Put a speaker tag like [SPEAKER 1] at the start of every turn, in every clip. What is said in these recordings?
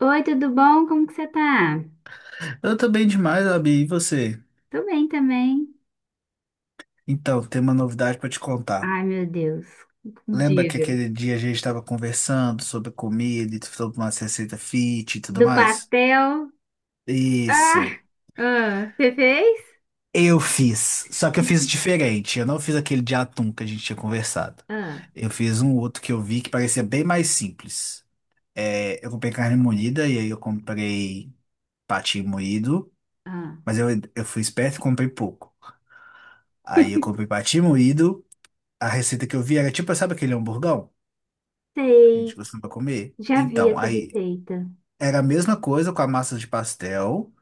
[SPEAKER 1] Oi, tudo bom? Como que você tá?
[SPEAKER 2] Eu tô bem demais, Abi. E você?
[SPEAKER 1] Tô bem também.
[SPEAKER 2] Então, tem uma novidade pra te contar.
[SPEAKER 1] Ai, meu Deus.
[SPEAKER 2] Lembra que
[SPEAKER 1] Diga.
[SPEAKER 2] aquele dia a gente estava conversando sobre comida e sobre uma receita fit e tudo
[SPEAKER 1] Do
[SPEAKER 2] mais?
[SPEAKER 1] pastel. Ah,
[SPEAKER 2] Isso.
[SPEAKER 1] ah, você fez?
[SPEAKER 2] Eu fiz. Só que eu fiz diferente. Eu não fiz aquele de atum que a gente tinha conversado.
[SPEAKER 1] Ah,
[SPEAKER 2] Eu fiz um outro que eu vi que parecia bem mais simples. É, eu comprei carne moída e aí eu comprei patinho moído.
[SPEAKER 1] ah.
[SPEAKER 2] Mas eu fui esperto e comprei pouco. Aí eu comprei patinho moído. A receita que eu vi era tipo, sabe aquele hamburgão? A gente
[SPEAKER 1] Sei.
[SPEAKER 2] costuma comer.
[SPEAKER 1] Já vi
[SPEAKER 2] Então,
[SPEAKER 1] essa
[SPEAKER 2] aí
[SPEAKER 1] receita.
[SPEAKER 2] era a mesma coisa com a massa de pastel,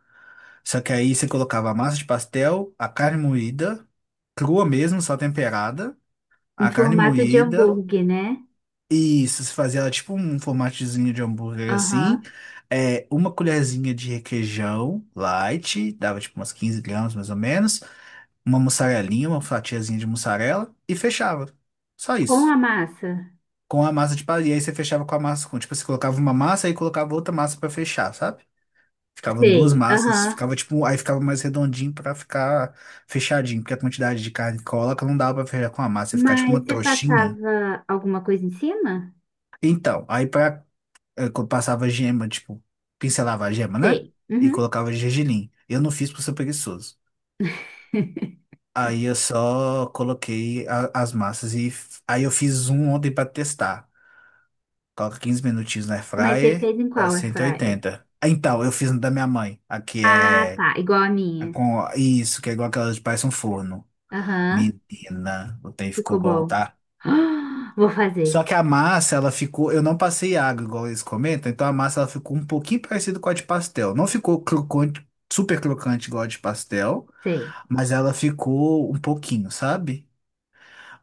[SPEAKER 2] só que aí você colocava a massa de pastel, a carne moída, crua mesmo, só temperada,
[SPEAKER 1] Em
[SPEAKER 2] a carne
[SPEAKER 1] formato de
[SPEAKER 2] moída,
[SPEAKER 1] hambúrguer, né?
[SPEAKER 2] e isso, você fazia ela tipo um formatezinho de hambúrguer assim,
[SPEAKER 1] Aham.
[SPEAKER 2] é, uma colherzinha de requeijão light, dava tipo umas 15 gramas mais ou menos, uma mussarelinha, uma fatiazinha de mussarela, e fechava. Só
[SPEAKER 1] Com a
[SPEAKER 2] isso.
[SPEAKER 1] massa.
[SPEAKER 2] Com a massa de palha. E aí você fechava com a massa, com, tipo, você colocava uma massa e colocava outra massa pra fechar, sabe? Ficavam duas
[SPEAKER 1] Sei.
[SPEAKER 2] massas,
[SPEAKER 1] Aham.
[SPEAKER 2] ficava tipo, aí ficava mais redondinho pra ficar fechadinho, porque a quantidade de carne que coloca não dava pra fechar com a massa, ia ficar tipo uma
[SPEAKER 1] Mas você
[SPEAKER 2] trouxinha.
[SPEAKER 1] passava alguma coisa em cima?
[SPEAKER 2] Então, aí pra, quando passava gema, tipo, pincelava a gema, né?
[SPEAKER 1] Sei.
[SPEAKER 2] E
[SPEAKER 1] Uhum.
[SPEAKER 2] colocava gergelim. Eu não fiz por ser preguiçoso. Aí eu só coloquei as massas aí eu fiz um ontem pra testar. Coloca 15 minutinhos na air
[SPEAKER 1] Mas você
[SPEAKER 2] fryer
[SPEAKER 1] fez em
[SPEAKER 2] a
[SPEAKER 1] qual airfryer?
[SPEAKER 2] 180. Ah, então, eu fiz um da minha mãe. Aqui
[SPEAKER 1] Ah,
[SPEAKER 2] é
[SPEAKER 1] tá. Igual a
[SPEAKER 2] é
[SPEAKER 1] minha.
[SPEAKER 2] com isso, que é igual aquelas de parece um forno.
[SPEAKER 1] Aham.
[SPEAKER 2] Menina, o trem ficou
[SPEAKER 1] Ficou
[SPEAKER 2] bom,
[SPEAKER 1] bom.
[SPEAKER 2] tá?
[SPEAKER 1] Ah, vou
[SPEAKER 2] Só
[SPEAKER 1] fazer.
[SPEAKER 2] que a massa, ela ficou. Eu não passei água, igual eles comentam, então a massa ela ficou um pouquinho parecida com a de pastel. Não ficou crocante, super crocante igual a de pastel,
[SPEAKER 1] Sei,
[SPEAKER 2] mas ela ficou um pouquinho, sabe?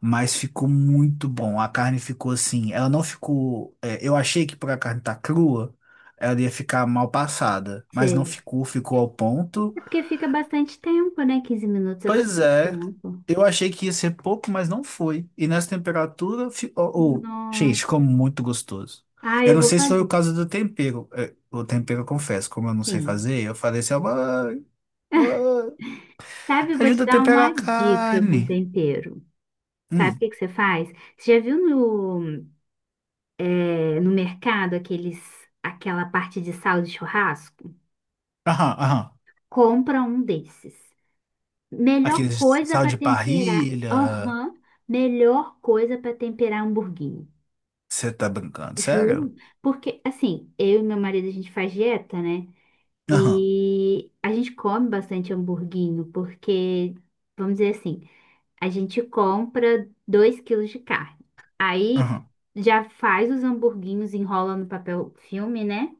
[SPEAKER 2] Mas ficou muito bom. A carne ficou assim. Ela não ficou. É, eu achei que por a carne estar crua, ela ia ficar mal passada. Mas não
[SPEAKER 1] sei.
[SPEAKER 2] ficou, ficou ao ponto.
[SPEAKER 1] É porque fica bastante tempo, né? 15 minutos é
[SPEAKER 2] Pois
[SPEAKER 1] bastante
[SPEAKER 2] é,
[SPEAKER 1] tempo.
[SPEAKER 2] eu achei que ia ser pouco, mas não foi. E nessa temperatura, ô, ô,
[SPEAKER 1] Nossa.
[SPEAKER 2] gente, ficou muito gostoso.
[SPEAKER 1] Ah,
[SPEAKER 2] Eu
[SPEAKER 1] eu
[SPEAKER 2] não
[SPEAKER 1] vou
[SPEAKER 2] sei se foi o
[SPEAKER 1] fazer.
[SPEAKER 2] caso do tempero. É, o tempero, eu confesso, como eu não sei
[SPEAKER 1] Sim.
[SPEAKER 2] fazer, eu falei assim: "Ó, mãe, mãe,
[SPEAKER 1] Sabe, eu vou te
[SPEAKER 2] ajuda a
[SPEAKER 1] dar
[SPEAKER 2] temperar a
[SPEAKER 1] uma dica com
[SPEAKER 2] carne."
[SPEAKER 1] tempero. Sabe o
[SPEAKER 2] Hum,
[SPEAKER 1] que que você faz? Você já viu no, é, no mercado aqueles, aquela parte de sal de churrasco?
[SPEAKER 2] aham, aham.
[SPEAKER 1] Compra um desses. Melhor
[SPEAKER 2] Aquele
[SPEAKER 1] coisa
[SPEAKER 2] sal
[SPEAKER 1] para
[SPEAKER 2] de
[SPEAKER 1] temperar.
[SPEAKER 2] parrilha.
[SPEAKER 1] Aham. Melhor coisa para temperar hamburguinho.
[SPEAKER 2] Você tá brincando? Sério?
[SPEAKER 1] Juro, porque assim, eu e meu marido a gente faz dieta, né?
[SPEAKER 2] Aham,
[SPEAKER 1] E a gente come bastante hamburguinho, porque, vamos dizer assim, a gente compra 2 quilos de carne. Aí
[SPEAKER 2] aham,
[SPEAKER 1] já faz os hamburguinhos, enrola no papel filme, né?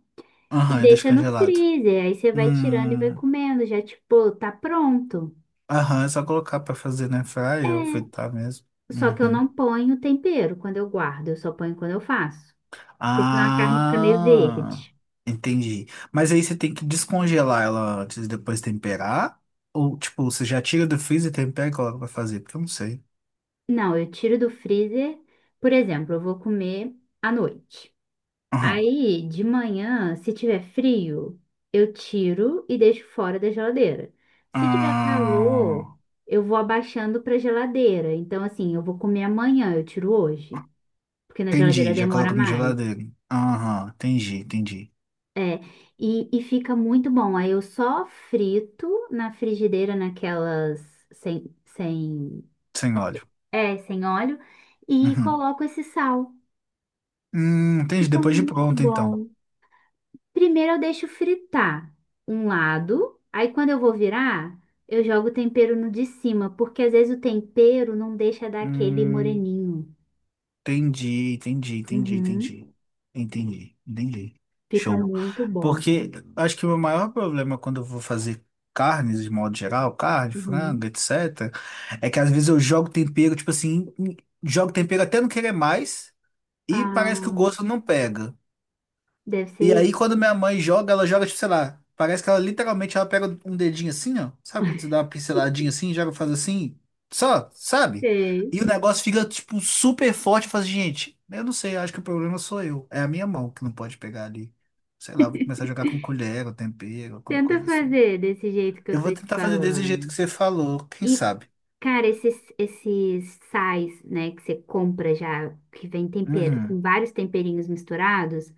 [SPEAKER 1] E
[SPEAKER 2] aham, é
[SPEAKER 1] deixa no
[SPEAKER 2] descongelado.
[SPEAKER 1] freezer. Aí você vai tirando e vai
[SPEAKER 2] Hum,
[SPEAKER 1] comendo, já tipo, tá pronto.
[SPEAKER 2] aham, é só colocar pra fazer na
[SPEAKER 1] É,
[SPEAKER 2] fry ou fritar mesmo.
[SPEAKER 1] só que eu não
[SPEAKER 2] Uhum.
[SPEAKER 1] ponho tempero quando eu guardo, eu só ponho quando eu faço. Porque senão a carne fica meio
[SPEAKER 2] Ah,
[SPEAKER 1] verde.
[SPEAKER 2] entendi. Mas aí você tem que descongelar ela antes e depois temperar? Ou, tipo, você já tira do freezer, tempera e coloca pra fazer? Porque eu não sei.
[SPEAKER 1] Não, eu tiro do freezer. Por exemplo, eu vou comer à noite.
[SPEAKER 2] Aham.
[SPEAKER 1] Aí, de manhã, se tiver frio, eu tiro e deixo fora da geladeira. Se tiver calor,
[SPEAKER 2] Ah,
[SPEAKER 1] eu vou abaixando para geladeira. Então, assim, eu vou comer amanhã, eu tiro hoje, porque na geladeira
[SPEAKER 2] entendi, já
[SPEAKER 1] demora
[SPEAKER 2] coloca na
[SPEAKER 1] mais.
[SPEAKER 2] geladeira. Aham, entendi, entendi.
[SPEAKER 1] É, e fica muito bom. Aí eu só frito na frigideira, naquelas sem,
[SPEAKER 2] Sem óleo.
[SPEAKER 1] é, sem óleo, e
[SPEAKER 2] Uhum.
[SPEAKER 1] coloco esse sal.
[SPEAKER 2] Entendi,
[SPEAKER 1] Fica
[SPEAKER 2] depois de
[SPEAKER 1] muito
[SPEAKER 2] pronto, então.
[SPEAKER 1] bom. Primeiro eu deixo fritar um lado, aí quando eu vou virar, eu jogo o tempero no de cima, porque às vezes o tempero não deixa dar aquele
[SPEAKER 2] Hum,
[SPEAKER 1] moreninho.
[SPEAKER 2] Entendi, entendi, entendi,
[SPEAKER 1] Uhum.
[SPEAKER 2] entendi. Entendi, entendi.
[SPEAKER 1] Fica
[SPEAKER 2] Show.
[SPEAKER 1] muito bom.
[SPEAKER 2] Porque acho que o meu maior problema quando eu vou fazer carnes de modo geral, carne,
[SPEAKER 1] Uhum.
[SPEAKER 2] frango, etc., é que às vezes eu jogo tempero, tipo assim, jogo tempero até não querer mais e
[SPEAKER 1] Ah,
[SPEAKER 2] parece que o gosto não pega.
[SPEAKER 1] deve
[SPEAKER 2] E
[SPEAKER 1] ser
[SPEAKER 2] aí,
[SPEAKER 1] isso.
[SPEAKER 2] quando minha mãe joga, ela joga, tipo, sei lá, parece que ela literalmente ela pega um dedinho assim, ó. Sabe quando você dá uma pinceladinha assim, joga, faz assim, só, sabe?
[SPEAKER 1] Sei.
[SPEAKER 2] E o negócio fica, tipo, super forte. Faz, gente, eu não sei, acho que o problema sou eu. É a minha mão que não pode pegar ali. Sei lá, vou começar a jogar com colher, ou tempero, alguma
[SPEAKER 1] Tenta
[SPEAKER 2] coisa assim.
[SPEAKER 1] fazer desse jeito que eu
[SPEAKER 2] Eu
[SPEAKER 1] tô
[SPEAKER 2] vou
[SPEAKER 1] te
[SPEAKER 2] tentar fazer desse
[SPEAKER 1] falando.
[SPEAKER 2] jeito que você falou, quem
[SPEAKER 1] E,
[SPEAKER 2] sabe?
[SPEAKER 1] cara, esses sais, né, que você compra já, que vem tempero,
[SPEAKER 2] Uhum.
[SPEAKER 1] com vários temperinhos misturados,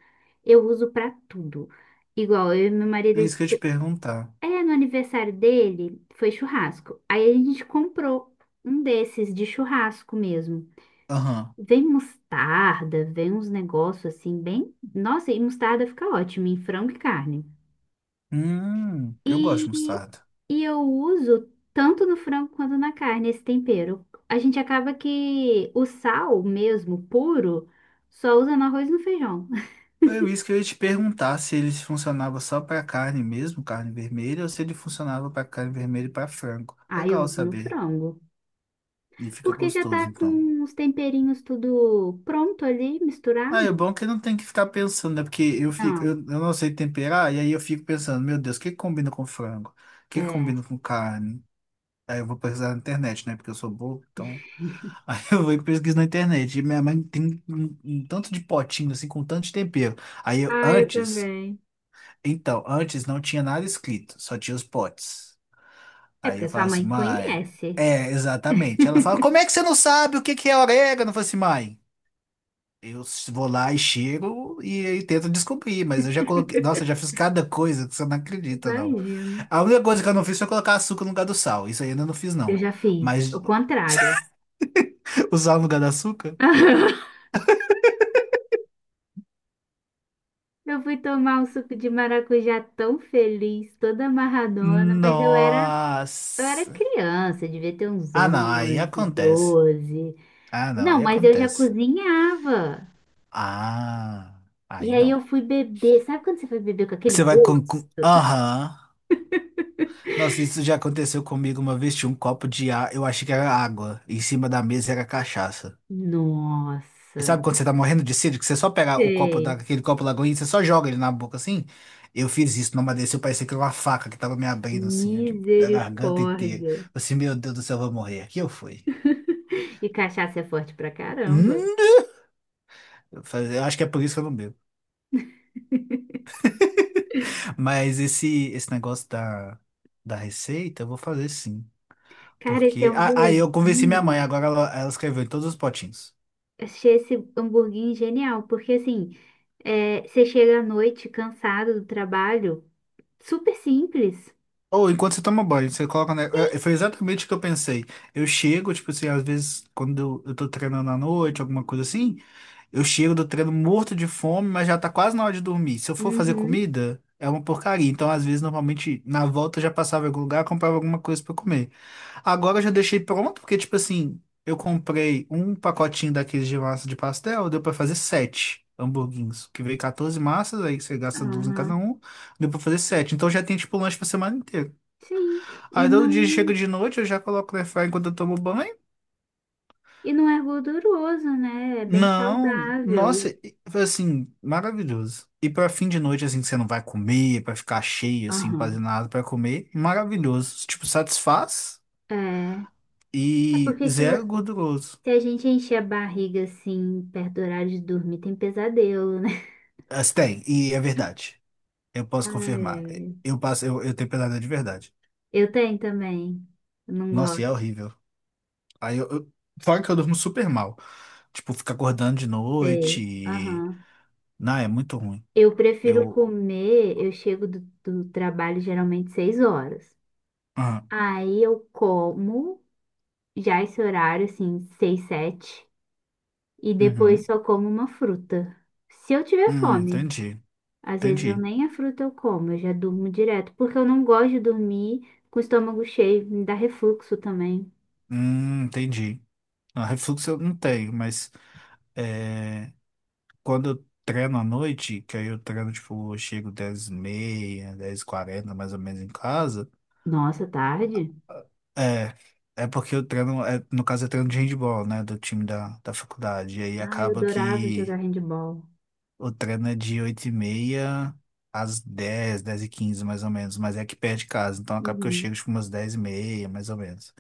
[SPEAKER 1] eu uso pra tudo. Igual, eu e meu marido,
[SPEAKER 2] É
[SPEAKER 1] a
[SPEAKER 2] isso que eu ia te
[SPEAKER 1] gente-
[SPEAKER 2] perguntar.
[SPEAKER 1] é, no aniversário dele, foi churrasco. Aí a gente comprou um desses de churrasco mesmo.
[SPEAKER 2] Aham.
[SPEAKER 1] Vem mostarda, vem uns negócios assim, bem. Nossa, e mostarda fica ótimo em frango e carne.
[SPEAKER 2] Eu gosto de
[SPEAKER 1] E,
[SPEAKER 2] mostarda.
[SPEAKER 1] eu uso tanto no frango quanto na carne esse tempero. A gente acaba que o sal mesmo, puro, só usa no arroz e no feijão.
[SPEAKER 2] Foi isso que eu ia te perguntar se ele funcionava só para carne mesmo, carne vermelha, ou se ele funcionava para carne vermelha e para frango.
[SPEAKER 1] Ah, eu
[SPEAKER 2] Legal
[SPEAKER 1] uso no
[SPEAKER 2] saber.
[SPEAKER 1] frango.
[SPEAKER 2] E fica
[SPEAKER 1] Porque já tá
[SPEAKER 2] gostoso, então.
[SPEAKER 1] com os temperinhos tudo pronto ali,
[SPEAKER 2] Ah, é
[SPEAKER 1] misturado?
[SPEAKER 2] bom é que não tem que ficar pensando, né? Porque eu fico, eu
[SPEAKER 1] Não,
[SPEAKER 2] não sei temperar, e aí eu fico pensando, meu Deus, o que que combina com frango? O que que
[SPEAKER 1] é.
[SPEAKER 2] combina com carne? Aí eu vou pesquisar na internet, né? Porque eu sou bobo, então. Aí eu vou e pesquiso na internet. E minha mãe tem um tanto de potinho, assim, com tanto de tempero. Aí eu,
[SPEAKER 1] Ah, eu
[SPEAKER 2] antes.
[SPEAKER 1] também.
[SPEAKER 2] Então, antes não tinha nada escrito, só tinha os potes.
[SPEAKER 1] É
[SPEAKER 2] Aí eu
[SPEAKER 1] porque
[SPEAKER 2] falo
[SPEAKER 1] sua
[SPEAKER 2] assim,
[SPEAKER 1] mãe
[SPEAKER 2] mãe.
[SPEAKER 1] conhece.
[SPEAKER 2] É, exatamente. Ela fala, como é que você não sabe o que que é orégano? Eu falo assim, mãe. Eu vou lá e cheiro e tento descobrir, mas eu já coloquei. Nossa, eu já fiz cada coisa que você não acredita, não.
[SPEAKER 1] Imagino.
[SPEAKER 2] A única coisa que eu não fiz foi colocar açúcar no lugar do sal. Isso aí eu ainda não fiz,
[SPEAKER 1] Eu
[SPEAKER 2] não.
[SPEAKER 1] já fiz
[SPEAKER 2] Mas
[SPEAKER 1] o contrário.
[SPEAKER 2] o sal no lugar do açúcar?
[SPEAKER 1] Eu fui tomar um suco de maracujá tão feliz, toda amarradona, mas eu era,
[SPEAKER 2] Nossa.
[SPEAKER 1] criança, devia ter uns
[SPEAKER 2] Ah, não, aí
[SPEAKER 1] 11,
[SPEAKER 2] acontece.
[SPEAKER 1] 12.
[SPEAKER 2] Ah, não,
[SPEAKER 1] Não,
[SPEAKER 2] aí
[SPEAKER 1] mas eu já
[SPEAKER 2] acontece.
[SPEAKER 1] cozinhava.
[SPEAKER 2] Ah,
[SPEAKER 1] E
[SPEAKER 2] aí
[SPEAKER 1] aí
[SPEAKER 2] não.
[SPEAKER 1] eu fui beber. Sabe quando você foi beber com aquele
[SPEAKER 2] Você vai.
[SPEAKER 1] gosto?
[SPEAKER 2] Aham. Nossa, isso já aconteceu comigo uma vez. Tinha um copo de ar, eu achei que era água. Em cima da mesa era cachaça. E sabe
[SPEAKER 1] Nossa,
[SPEAKER 2] quando você tá morrendo de sede, que você só pega o copo da,
[SPEAKER 1] sei.
[SPEAKER 2] aquele copo lagoinha e você só joga ele na boca assim? Eu fiz isso, não desceu, parecia que era uma faca que tava me abrindo assim, da garganta inteira. Eu
[SPEAKER 1] Misericórdia.
[SPEAKER 2] Assim, meu Deus do céu, eu vou morrer. Aqui eu fui.
[SPEAKER 1] E cachaça é forte pra caramba.
[SPEAKER 2] Hum? Eu falei, eu acho que é por isso que eu não bebo. Mas esse negócio da receita, eu vou fazer sim.
[SPEAKER 1] Cara, esse
[SPEAKER 2] Porque. Ah, ah, eu convenci minha mãe,
[SPEAKER 1] hamburguinho,
[SPEAKER 2] agora ela escreveu em todos os potinhos.
[SPEAKER 1] achei esse hamburguinho genial, porque assim, é, você chega à noite cansado do trabalho, super simples.
[SPEAKER 2] Ou enquanto você toma banho, você coloca. Né? Foi exatamente o que eu pensei. Eu chego, tipo assim, às vezes, quando eu tô treinando à noite, alguma coisa assim, eu chego do treino morto de fome, mas já tá quase na hora de dormir. Se eu for fazer
[SPEAKER 1] Uhum.
[SPEAKER 2] comida, é uma porcaria. Então, às vezes, normalmente, na volta eu já passava em algum lugar, comprava alguma coisa pra comer. Agora eu já deixei pronto, porque, tipo assim, eu comprei um pacotinho daqueles de massa de pastel, deu pra fazer sete hamburguinhos, que veio 14 massas, aí você gasta duas em cada
[SPEAKER 1] Aham,
[SPEAKER 2] um, deu pra fazer sete. Então já tem, tipo, um lanche pra semana inteira.
[SPEAKER 1] sim, e
[SPEAKER 2] Aí todo dia chega
[SPEAKER 1] não,
[SPEAKER 2] de noite, eu já coloco no airfryer enquanto eu tomo banho.
[SPEAKER 1] e não é gorduroso, né? É bem
[SPEAKER 2] Não,
[SPEAKER 1] saudável.
[SPEAKER 2] nossa,
[SPEAKER 1] E-
[SPEAKER 2] foi assim, maravilhoso. E pra fim de noite, assim, que você não vai comer, pra ficar cheio, assim, fazer
[SPEAKER 1] aham.
[SPEAKER 2] nada pra comer, maravilhoso. Tipo, satisfaz
[SPEAKER 1] É, é
[SPEAKER 2] e
[SPEAKER 1] porque se, vo-
[SPEAKER 2] zero gorduroso.
[SPEAKER 1] se a gente encher a barriga assim, perto do horário de dormir, tem pesadelo, né?
[SPEAKER 2] Assim, tem, e é verdade. Eu posso
[SPEAKER 1] Ai,
[SPEAKER 2] confirmar.
[SPEAKER 1] ai.
[SPEAKER 2] Eu passo, eu tenho pesadelo de verdade.
[SPEAKER 1] Eu tenho também. Eu não
[SPEAKER 2] Nossa, e é
[SPEAKER 1] gosto.
[SPEAKER 2] horrível. Aí fora que eu durmo super mal. Tipo, ficar acordando de noite.
[SPEAKER 1] Sei. Aham.
[SPEAKER 2] Não, é muito ruim.
[SPEAKER 1] Eu prefiro
[SPEAKER 2] Eu.
[SPEAKER 1] comer, eu chego do trabalho geralmente 6 horas.
[SPEAKER 2] Ah,
[SPEAKER 1] Aí eu como já esse horário, assim, seis, sete, e
[SPEAKER 2] uhum.
[SPEAKER 1] depois só como uma fruta. Se eu tiver fome,
[SPEAKER 2] Entendi.
[SPEAKER 1] às vezes eu
[SPEAKER 2] Entendi.
[SPEAKER 1] nem a fruta eu como, eu já durmo direto, porque eu não gosto de dormir com o estômago cheio, me dá refluxo também.
[SPEAKER 2] Entendi. Ah, refluxo eu não tenho, mas é, quando eu treino à noite, que aí eu treino, tipo, eu chego 10:30, 10:40, mais ou menos em casa.
[SPEAKER 1] Nossa, tarde?
[SPEAKER 2] É, é, porque eu treino, é, no caso eu treino de handball, né, do time da faculdade, e aí
[SPEAKER 1] Ah, eu
[SPEAKER 2] acaba
[SPEAKER 1] adorava
[SPEAKER 2] que
[SPEAKER 1] jogar handball.
[SPEAKER 2] o treino é de 8:30 às dez, 10:15, mais ou menos, mas é que perto de casa, então acaba que eu
[SPEAKER 1] Uhum,
[SPEAKER 2] chego tipo umas 10:30, mais ou menos.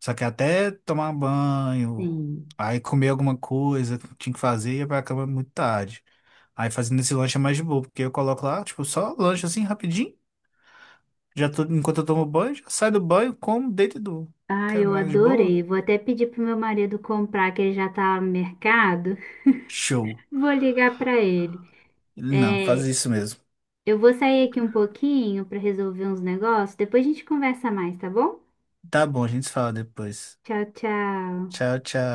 [SPEAKER 2] Só que até tomar um banho,
[SPEAKER 1] sim.
[SPEAKER 2] aí comer alguma coisa que tinha que fazer, ia pra cama muito tarde. Aí fazendo esse lanche é mais de boa, porque eu coloco lá, tipo, só lanche assim rapidinho, já tô, enquanto eu tomo banho, já saio do banho, como, deito e durmo.
[SPEAKER 1] Ah,
[SPEAKER 2] Quero
[SPEAKER 1] eu
[SPEAKER 2] mais de boa.
[SPEAKER 1] adorei. Vou até pedir pro meu marido comprar, que ele já tá no mercado.
[SPEAKER 2] Show.
[SPEAKER 1] Vou ligar pra ele.
[SPEAKER 2] Não, faz
[SPEAKER 1] É,
[SPEAKER 2] isso mesmo.
[SPEAKER 1] eu vou sair aqui um pouquinho para resolver uns negócios, depois a gente conversa mais, tá bom?
[SPEAKER 2] Tá bom, a gente se fala depois.
[SPEAKER 1] Tchau, tchau.
[SPEAKER 2] Tchau, tchau.